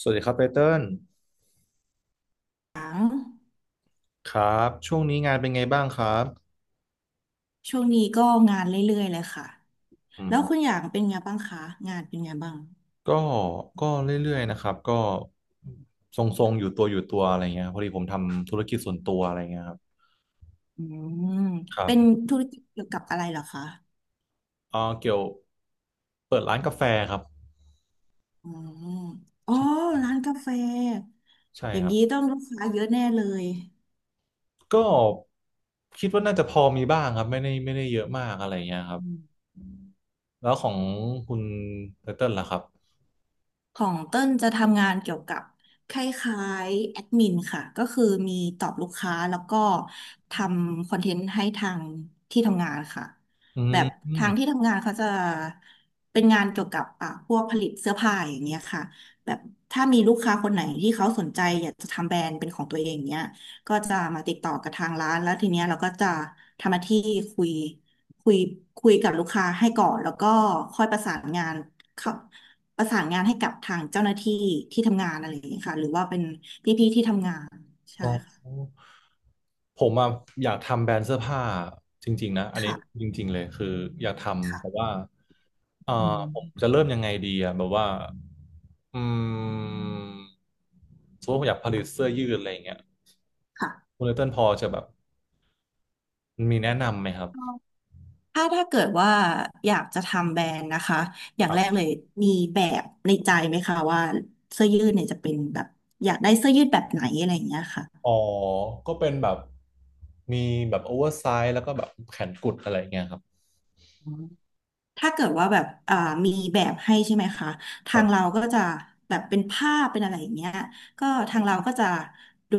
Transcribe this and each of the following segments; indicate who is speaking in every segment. Speaker 1: สวัสดีครับไตเติ้ล
Speaker 2: าง
Speaker 1: ครับช่วงนี้งานเป็นไงบ้างครับ
Speaker 2: ช่วงนี้ก็งานเรื่อยๆเลยค่ะ
Speaker 1: อื
Speaker 2: แล้วคุณอ
Speaker 1: ม
Speaker 2: ย่างเป็นไงบ้างคะงานเป็นไงบ้าง
Speaker 1: ก็เรื่อยๆนะครับก็ทรงๆอยู่ตัวอะไรเงี้ยครับพอดีผมทำธุรกิจส่วนตัวอะไรเงี้ยครับ
Speaker 2: อืม
Speaker 1: ครั
Speaker 2: เป็น
Speaker 1: บ
Speaker 2: ธุรกิจเกี่ยวกับอะไรเหรอคะ
Speaker 1: เกี่ยวเปิดร้านกาแฟครับ
Speaker 2: อืมอ๋อ
Speaker 1: ใช่
Speaker 2: ร้านกาแฟ
Speaker 1: ใช่
Speaker 2: อย่า
Speaker 1: ค
Speaker 2: ง
Speaker 1: รับ
Speaker 2: นี้ต้องลูกค้าเยอะแน่เลย
Speaker 1: ก็คิดว่าน่าจะพอมีบ้างครับไม่ได้เยอะมากอะไรเงี้ยครับ
Speaker 2: อืม
Speaker 1: แล้วของคุณไตเติ้ลล่ะครับ
Speaker 2: ของเต้นจะทำงานเกี่ยวกับคล้ายๆแอดมินค่ะก็คือมีตอบลูกค้าแล้วก็ทำคอนเทนต์ให้ทางที่ทำงานค่ะ
Speaker 1: อืม
Speaker 2: แบบ
Speaker 1: อม
Speaker 2: ทางที่ทำงานเขาจะเป็นงานเกี่ยวกับอ่ะพวกผลิตเสื้อผ้าอย่างเงี้ยค่ะแบบถ้ามีลูกค้าคนไหนที่เขาสนใจอยากจะทำแบรนด์เป็นของตัวเองเนี้ยก็จะมาติดต่อกับทางร้านแล้วทีเนี้ยเราก็จะทำหน้าที่คุยคุยคุยกับลูกค้าให้ก่อนแล้วก็ค่อยประสานงานเข้า ประสานงานให้กับทางเจ้าหน้าที่ที่ทำงานอะไรอย่างนี้ยค่ะหรือว่าเป็นพี่ๆที่ทำงานใช่
Speaker 1: อ๋อ
Speaker 2: ค่ะ
Speaker 1: ผมอะอยากทำแบรนด์เสื้อผ้าจริงๆนะอันนี้
Speaker 2: ค่ะ
Speaker 1: จริงๆเลยคืออยากทำแต่
Speaker 2: ค่ะ
Speaker 1: ว่าเอ่อ
Speaker 2: อืม
Speaker 1: ผมจะเริ่มยังไงดีอะแบบว่าอืมสมมติว่าผมอยากผลิตเสื้อยืดอะไรอย่างเงี้ย
Speaker 2: ค่ะ
Speaker 1: คุณเลเติ้ลพอจะแบบมีแนะนำไหมครับ
Speaker 2: ถ้าถ้าเกิดว่าอยากจะทำแบรนด์นะคะอย่า
Speaker 1: ค
Speaker 2: ง
Speaker 1: รั
Speaker 2: แรกเล
Speaker 1: บ
Speaker 2: ยมีแบบในใจไหมคะว่าเสื้อยืดเนี่ยจะเป็นแบบอยากได้เสื้อยืดแบบไหนอะไรอย่างเงี้ยค่ะ
Speaker 1: อ๋อก็เป็นแบบมีแบบโอเวอร์ไซส์แล้วก็แบบแขนกุดอะไรอย่างเงี้ยครับ
Speaker 2: ถ้าเกิดว่าแบบมีแบบให้ใช่ไหมคะทาง
Speaker 1: แบบ
Speaker 2: เราก็จะแบบเป็นภาพเป็นอะไรอย่างเงี้ยก็ทางเราก็จะดู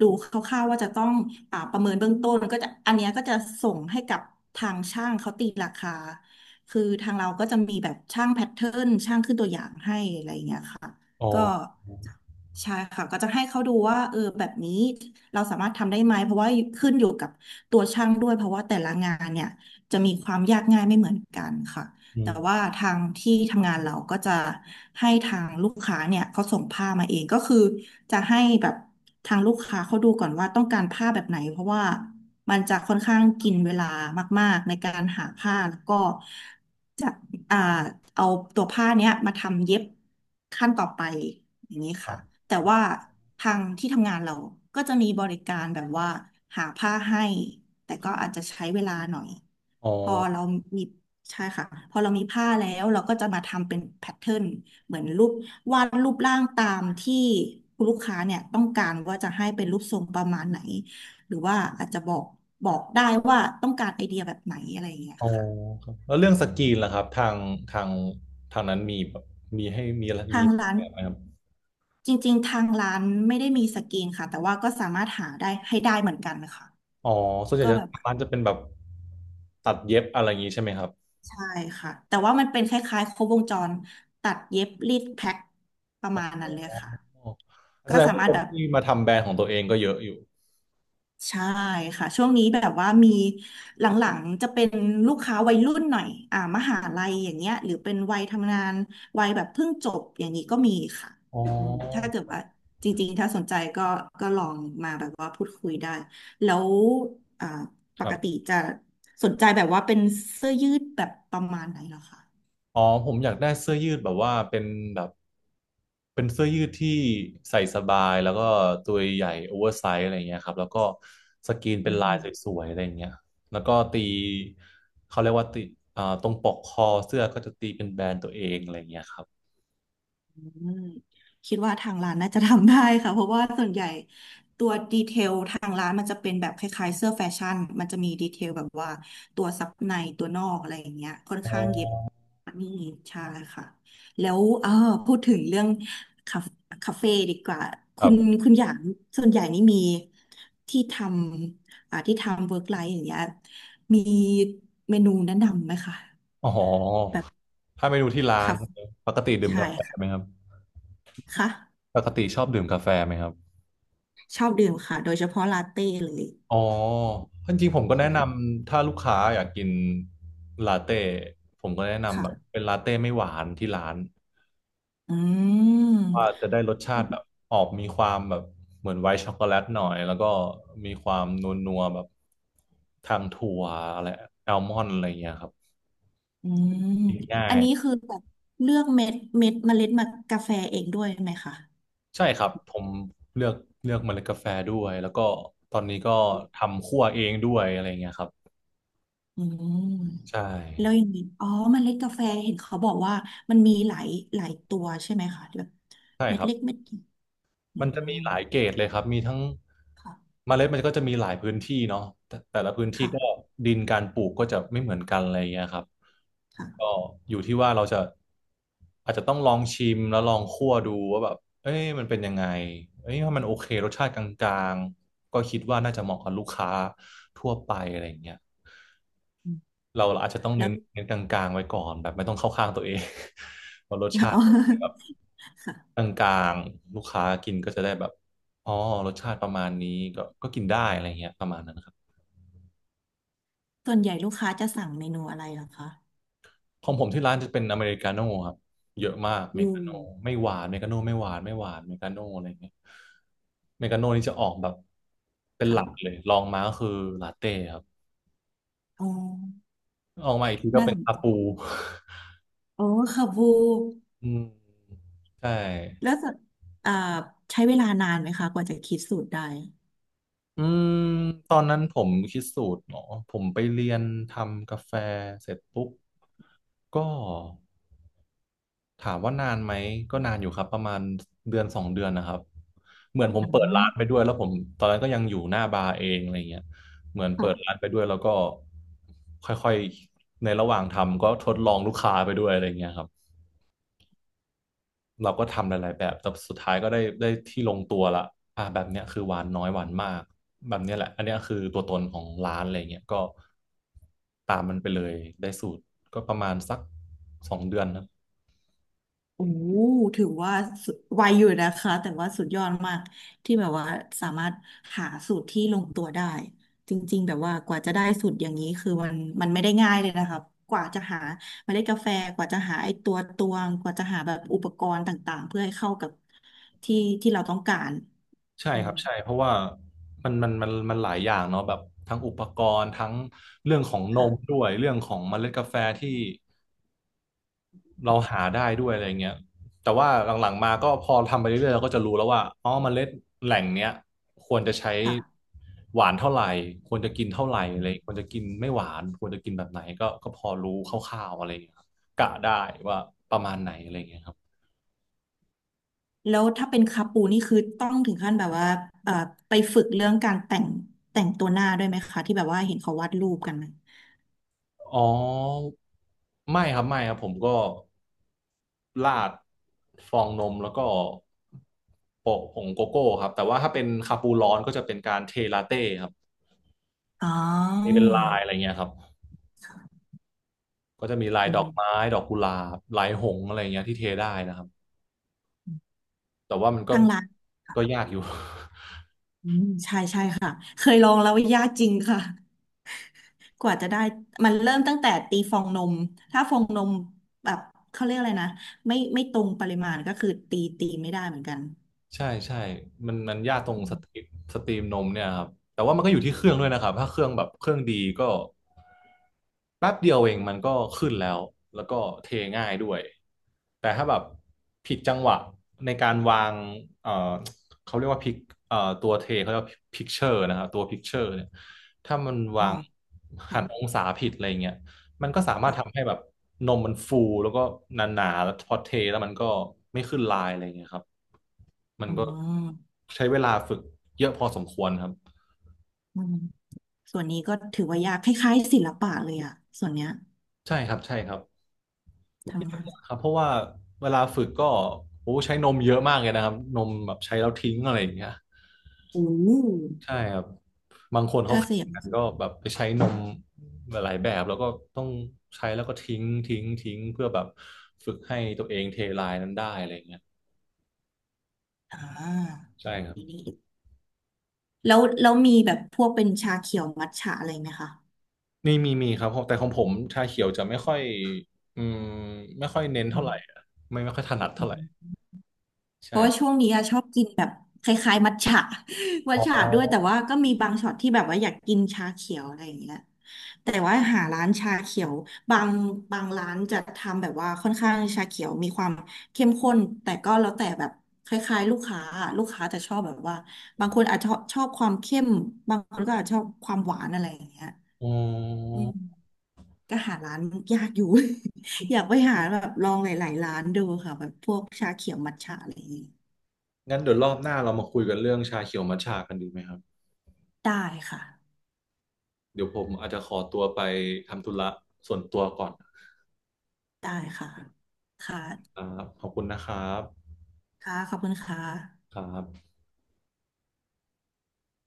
Speaker 2: ดูคร่าวๆว่าจะต้องประเมินเบื้องต้นก็จะอันเนี้ยก็จะส่งให้กับทางช่างเขาตีราคาคือทางเราก็จะมีแบบช่างแพทเทิร์นช่างขึ้นตัวอย่างให้อะไรอย่างเงี้ยค่ะ
Speaker 1: อ๋อ
Speaker 2: ก็ใช่ค่ะก็จะให้เขาดูว่าเออแบบนี้เราสามารถทำได้ไหมเพราะว่าขึ้นอยู่กับตัวช่างด้วยเพราะว่าแต่ละงานเนี่ย จะมีความยากง่ายไม่เหมือนกันค่ะ
Speaker 1: อื
Speaker 2: แต่ว่า
Speaker 1: ม
Speaker 2: ทางที่ทำงานเราก็จะให้ทางลูกค้าเนี่ยเขาส่งผ้ามาเองก็คือจะให้แบบทางลูกค้าเขาดูก่อนว่าต้องการผ้าแบบไหนเพราะว่ามันจะค่อนข้างกินเวลามากๆในการหาผ้าแล้วก็จะ อ่าเอาตัวผ้าเนี้ยมาทำเย็บขั้นต่อไปอย่างนี้
Speaker 1: ครั
Speaker 2: ค่ะ
Speaker 1: บ
Speaker 2: แต่ว่าทางที่ทำงานเราก็จะมีบริการแบบว่าหาผ้าให้แต่ก็อาจจะใช้เวลาหน่อย
Speaker 1: อ๋อ
Speaker 2: พอเรามีใช่ค่ะพอเรามีผ้าแล้วเราก็จะมาทำเป็นแพทเทิร์นเหมือนรูปวาดรูปร่างตามที่คุณลูกค้าเนี่ยต้องการว่าจะให้เป็นรูปทรงประมาณไหนหรือว่าอาจจะบอกได้ว่าต้องการไอเดียแบบไหนอะไรอย่างเงี้ย
Speaker 1: อ๋อ
Speaker 2: ค่ะ
Speaker 1: ครับแล้วเรื่องสกรีนล่ะครับทางทางนั้นมีแบบมีให้มีอะไรมี
Speaker 2: ทางร้าน
Speaker 1: แบบไหมครับ
Speaker 2: จริงๆทางร้านไม่ได้มีสกรีนค่ะแต่ว่าก็สามารถหาได้ให้ได้เหมือนกันนะคะ
Speaker 1: อ๋อส่วนใหญ่
Speaker 2: ก็
Speaker 1: จะ
Speaker 2: แบบ
Speaker 1: ทางร้านจะเป็นแบบตัดเย็บอะไรอย่างนี้ใช่ไหมครับ
Speaker 2: ใช่ค่ะแต่ว่ามันเป็นคล้ายๆครบวงจรตัดเย็บรีดแพ็คประมาณนั้นเลย
Speaker 1: อ๋
Speaker 2: ค่ะ
Speaker 1: อแส
Speaker 2: ก็
Speaker 1: ดง
Speaker 2: สา
Speaker 1: ว่า
Speaker 2: มาร
Speaker 1: ค
Speaker 2: ถ
Speaker 1: น
Speaker 2: แบบ
Speaker 1: ที่มาทำแบรนด์ของตัวเองก็เยอะอยู่
Speaker 2: ใช่ค่ะช่วงนี้แบบว่ามีหลังๆจะเป็นลูกค้าวัยรุ่นหน่อยมหาลัยอย่างเงี้ยหรือเป็นวัยทำงานวัยแบบเพิ่งจบอย่างนี้ก็มีค่ะ
Speaker 1: อ๋อ
Speaker 2: อืมถ้าเกิดว่าจริงๆถ้าสนใจก็ก็ลองมาแบบว่าพูดคุยได้แล้วอ่าป
Speaker 1: ครั
Speaker 2: กติ
Speaker 1: บ
Speaker 2: จะสนใจแบบว่าเป็นเสื้อยืดแบบประมาณไหนเหรอคะ
Speaker 1: อ๋อผมอยากได้เสื้อยืดแบบว่าเป็นแบบเป็นเสื้อยืดที่ใส่สบายแล้วก็ตัวใหญ่โอเวอร์ไซส์อะไรเงี้ยครับแล้วก็สกรีนเป็นลายสวยๆอะไรเงี้ยแล้วก็ตีเขาเรียกว่าตีอ่าตรงปกคอเสื้อก็จะตีเป็นแบรนด์ตัวเองอะไรเงี้ยครับ
Speaker 2: อืมคิดว่าทางร้านน่าจะทำได้ค่ะเพราะว่าส่วนใหญ่ตัวดีเทลทางร้านมันจะเป็นแบบคล้ายๆเสื้อแฟชั่นมันจะมีดีเทลแบบว่าตัวซับในตัวนอกอะไรอย่างเงี้ยค่อน
Speaker 1: อ๋อ
Speaker 2: ข้างเย็บนี่ใช่ค่ะแล้วเออพูดถึงเรื่องคาคาเฟ่ดีกว่า
Speaker 1: ค
Speaker 2: คุ
Speaker 1: รั
Speaker 2: ณ
Speaker 1: บ
Speaker 2: คุณอย่างส่วนใหญ่นี่มีที่ทำที่ทำเวิร์กไลฟ์อย่างเงี้ยมีเมนูแนะนำไหมคะ
Speaker 1: อ๋อ
Speaker 2: แบบ
Speaker 1: ถ้าเมนูที่ร้าน
Speaker 2: คาเฟ่
Speaker 1: ปกติดื่ม
Speaker 2: ใช่
Speaker 1: กาแฟไหม
Speaker 2: ค่ะ
Speaker 1: ครับ
Speaker 2: ค่ะ
Speaker 1: ปกติชอบดื่มกาแฟไหมครับ
Speaker 2: ชอบดื่มค่ะโดยเฉพาะลาเต้เลย
Speaker 1: อ๋อจริงๆผมก็แนะน
Speaker 2: ใช่
Speaker 1: ำถ้าลูกค้าอยากกินลาเต้ผมก็แนะนำแบบ
Speaker 2: ค่ะ
Speaker 1: เป็นลาเต้ไม่หวานที่ร้าน
Speaker 2: อื
Speaker 1: ว่าจะ
Speaker 2: ม
Speaker 1: ได้รสชาติแบบออกมีความแบบเหมือนไวท์ช็อกโกแลตหน่อยแล้วก็มีความนัวๆแบบทางถั่วอะไรแอลมอนด์อะไรอย่างเงี้ยครับ
Speaker 2: อืม
Speaker 1: กินง่า
Speaker 2: อัน
Speaker 1: ย
Speaker 2: นี้คือแบบเลือกเมล็ดมากาแฟเองด้วยไหมคะ
Speaker 1: ใช่ครับผมเลือกเลือกเมล็ดกาแฟด้วยแล้วก็ตอนนี้ก็ทำคั่วเองด้วยอะไรอย่างเงี้ยครับ
Speaker 2: อืม
Speaker 1: ใช่
Speaker 2: แล้วอย่างนี้อ๋อเมล็ดกาแฟเห็นเขาบอกว่ามันมีหลายตัวใช่ไหมคะแบบ
Speaker 1: ใช่
Speaker 2: เม็
Speaker 1: ค
Speaker 2: ด
Speaker 1: รับ
Speaker 2: เล็กเม็ดใหญ่อื
Speaker 1: มันจะ
Speaker 2: ม
Speaker 1: มีหลายเกรดเลยครับ มีทั้ง
Speaker 2: ค่ะ
Speaker 1: เมล็ดมันก็จะมีหลายพื้นที่เนาะแต่แต่ละพื้นที่
Speaker 2: ค่ะ
Speaker 1: ก็ดินการปลูกก็จะไม่เหมือนกันอะไรอย่างเงี้ยครับ ก็
Speaker 2: ค่ะ
Speaker 1: อยู่ที่ว่าเราจะอาจจะต้องลองชิมแล้วลองคั่วดูว่าแบบเอ้ยมันเป็นยังไงเอ้ยถ้ามันโอเครสชาติกลางๆก็คิดว่าน่าจะเหมาะกับลูกค้าทั่วไปอะไรอย่างเงี้ย
Speaker 2: อืม
Speaker 1: เราอาจจะต้อง
Speaker 2: แล้
Speaker 1: เน้
Speaker 2: ว
Speaker 1: นเน้นกลางๆไว้ก่อนแบบไม่ต้องเข้าข้างตัวเอง เพราะรสชา
Speaker 2: อ๋
Speaker 1: ติ
Speaker 2: อ
Speaker 1: เป็นแบบ
Speaker 2: ค่ะ
Speaker 1: กลางๆลูกค้ากินก็จะได้แบบอ๋อรสชาติประมาณนี้ก็ก็กินได้อะไรเงี้ยประมาณนั้นนะครับ
Speaker 2: ส่วนใหญ่ลูกค้าจะสั่งเมนูอะไรเหรอคะ
Speaker 1: ของผมที่ร้านจะเป็นอเมริกาโน่ครับเยอะมาก
Speaker 2: อื
Speaker 1: เมกา
Speaker 2: ม
Speaker 1: โน่ไม่หวานเมกาโน่ไม่หวานเมกาโน่อะไรเงี้ยเมกาโน่นี่จะออกแบบเป็นหลักเล
Speaker 2: ค่ะ
Speaker 1: ยลองมาก็คือลาเต้ครับ
Speaker 2: อ๋อ
Speaker 1: ออกมาอีกทีก็
Speaker 2: น่า
Speaker 1: เป็น
Speaker 2: สน
Speaker 1: คา
Speaker 2: ใจ
Speaker 1: ปู
Speaker 2: โอ้ค่ะบู
Speaker 1: อืมใช่
Speaker 2: แล้วจะอ่าใช้เวลานานไหมคะกว่าจะคิดสูตรได้
Speaker 1: อืมตอนนั้นผมคิดสูตรเนาะผมไปเรียนทำกาแฟเสร็จปุ๊บก็ถามว่านานไหมก็นานอยู่ครับประมาณเดือนสองเดือนนะครับเหมือนผม
Speaker 2: อ่
Speaker 1: เปิดร้านไป
Speaker 2: า
Speaker 1: ด้วยแล้วผมตอนนั้นก็ยังอยู่หน้าบาร์เองอะไรเงี้ยเหมือนเปิดร้าน
Speaker 2: ค่ะ
Speaker 1: ไปด้วยแล้วก็ค่อยๆในระหว่างทำก็ทดลองลูกค้าไปด้วยอะไรเงี้ยครับ เราก็ทำหลายๆแบบแต่สุดท้ายก็ได้ที่ลงตัวละอ่าแบบเนี้ยคือหวานน้อยหวานมาก แบบเนี้ยแหละอันเนี้ยคือตัวตนของร้านอะไรเงี้ยก็ตามมันไปเลยได้สูตรก็ประมาณสักสองเดือนครับ
Speaker 2: โอ้ถือว่าสุดไวอยู่นะคะแต่ว่าสุดยอดมากที่แบบว่าสามารถหาสูตรที่ลงตัวได้จริงๆแบบว่ากว่าจะได้สูตรอย่างนี้คือมันไม่ได้ง่ายเลยนะคะกว่าจะหาเมล็ดกาแฟกว่าจะหาไอ้ตัวตวงกว่าจะหาแบบอุปกรณ์ต่างๆเพื่อให้เข้ากับที่ที่เราต้องการ
Speaker 1: ใช่
Speaker 2: อื
Speaker 1: ค
Speaker 2: ม
Speaker 1: รับ ใช่ เพราะว่ามันหลายอย่างเนาะแบบทั้งอุปกรณ์ทั้งเรื่องของน
Speaker 2: ค่ะ
Speaker 1: มด้วย เรื่องของเมล็ดกาแฟที่ เราหาได้ด้วยอะไรเงี้ยแต่ว่าหลังๆมาก็พอทำไปเรื่อยๆเราก็จะรู้แล้วว่าอ๋อเมล็ดแหล่งเนี้ยควรจะใช้
Speaker 2: ค่ะ
Speaker 1: หวานเท่าไหร่ควรจะกินเท่าไหร่อะไรควรจะกินไม่หวานควรจะกินแบบไหนก็ก็พอรู้คร่าวๆอะไรเงี้ยครับกะได้ว่าประมาณไหนอะไรเงี้ยครับ
Speaker 2: แล้วถ้าเป็นคาปูนี่คือต้องถึงขั้นแบบว่าเอ่อไปฝึกเรื่องการแต่งแต่งตัวหน้าด้วยไหมคะที่แบบว่าเห็นเขาวาดรูปกันนะ
Speaker 1: อ๋อไม่ครับผมก็ราดฟองนมแล้วก็โปะผงโกโก้ครับแต่ว่าถ้าเป็นคาปูร้อนก็จะเป็นการเทลาเต้ครับ
Speaker 2: อ๋
Speaker 1: เท
Speaker 2: อ
Speaker 1: เป็นลายอะไรเงี้ยครับ ก็จะมีลาย
Speaker 2: อื
Speaker 1: ดอก
Speaker 2: ม
Speaker 1: ไม้ ดอกกุหลาบลายหงส์อะไรเงี้ยที่เทได้นะครับ แต่ว่ามันก็
Speaker 2: ทางร้าน
Speaker 1: ก็ยากอยู่
Speaker 2: อืมใช่ใช่ค่ะเคยลองแล้วยากจริงค่ะกว่าจะได้มันเริ่มตั้งแต่ตีฟองนมถ้าฟองนมแบบเขาเรียกอะไรนะไม่ตรงปริมาณก็คือตีไม่ได้เหมือนกัน
Speaker 1: ใช่ใช่มันยากตรง
Speaker 2: อื
Speaker 1: สตรี
Speaker 2: ม
Speaker 1: มสตรีมนมเนี่ยครับแต่ว่ามันก็อยู่ที่เครื่องด้วยนะครับถ้าเครื่องแบบเครื่องดีก็แป๊บเดียวเองมันก็ขึ้นแล้วแล้วก็เทง่ายด้วยแต่ถ้าแบบผิดจังหวะในการวางเอ่อเขาเรียกว่าพิกตัวเทเขาเรียกว่าพิกเชอร์นะครับตัวพิกเชอร์เนี่ยถ้ามัน
Speaker 2: อ๋
Speaker 1: วา
Speaker 2: อ
Speaker 1: งหันอ
Speaker 2: ค่ะ
Speaker 1: งศาผิดอะไรเงี้ยมันก็สามารถทำ
Speaker 2: ค่ะ
Speaker 1: ให้แบบนมมันฟูแล้วก็หนาๆแล้วพอเทแล้วมันก็ไม่ขึ้นลายอะไรเงี้ยครับ มัน
Speaker 2: อื
Speaker 1: ก็
Speaker 2: ม
Speaker 1: ใช้เวลาฝึกเยอะพอสมควรครับ
Speaker 2: อืมส่วนนี้ก็ถือว่ายากคล้ายๆศิลปะเลยอะส่วนเนี้ย
Speaker 1: ใช่ครับใช่ครับ
Speaker 2: ทำงาน
Speaker 1: ครับเพราะว่าเวลาฝึกก็โอ้ใช้นมเยอะมากเลยนะครับนมแบบใช้แล้วทิ้งอะไรอย่างเงี้ย
Speaker 2: โอ้
Speaker 1: ใช่ครับบางคนเขา
Speaker 2: ถ้าเสี
Speaker 1: แข่
Speaker 2: ย
Speaker 1: ง
Speaker 2: ง
Speaker 1: กันก็แบบไปใช้นมหลายๆแบบแล้วก็ต้องใช้แล้วก็ทิ้งเพื่อแบบฝึกให้ตัวเองเทลายนั้นได้อะไรอย่างเงี้ย
Speaker 2: อ่า
Speaker 1: ใช่ครับ
Speaker 2: นี่แล้ว แล้วมีแบบพวกเป็นชาเขียว มัทฉะอะไรไหมคะ
Speaker 1: นี่มีครับแต่ของผมชาเขียวจะไม่ค่อยอืมไม่ค่อยเน้น
Speaker 2: อื
Speaker 1: เท่าไหร่อะไม่ค่อยถนัดเท่าไหร่
Speaker 2: ม เพราะว่า
Speaker 1: ใช่
Speaker 2: ช่วงนี้อะชอบกินแบบคล้ายๆมัทฉะ มัท
Speaker 1: อ๋
Speaker 2: ฉะ ด้วยแต่
Speaker 1: อ
Speaker 2: ว่าก็มีบางช็อตที่แบบว่าอยากกินชาเขียวอะไรอย่างเงี้ยแต่ว่าหาร้านชาเขียวบางบางร้านจะทำแบบว่าค่อนข้างชาเขียวมีความเข้มข้นแต่ก็แล้วแต่แบบคล้ายๆลูกค้าอะลูกค้าจะชอบแบบว่าบางคนอาจจะชอบความเข้มบางคนก็อาจจะชอบความหวานอะไรอย่างเงี้ย
Speaker 1: อื
Speaker 2: อืม
Speaker 1: ม
Speaker 2: ก็หาร้านยากอยู่ อยากไปหาแบบลองหลายๆร้านดูค่ะแบบพวกชาเขียวมัทฉะอะไรอย่างงี้
Speaker 1: งั้นเดี๋ยวรอบหน้าเรามาคุยกันเรื่องชาเขียวมัทฉะกันดีไหมครับ
Speaker 2: ได้ค่ะ
Speaker 1: เดี๋ยวผมอาจจะขอตัวไปทำธุระส่วนตัวก่อนนะคร
Speaker 2: ได้ค่ะค่ะ
Speaker 1: ับขอบคุณนะครับ
Speaker 2: ค่ะขอบคุณค่ะ
Speaker 1: ครับ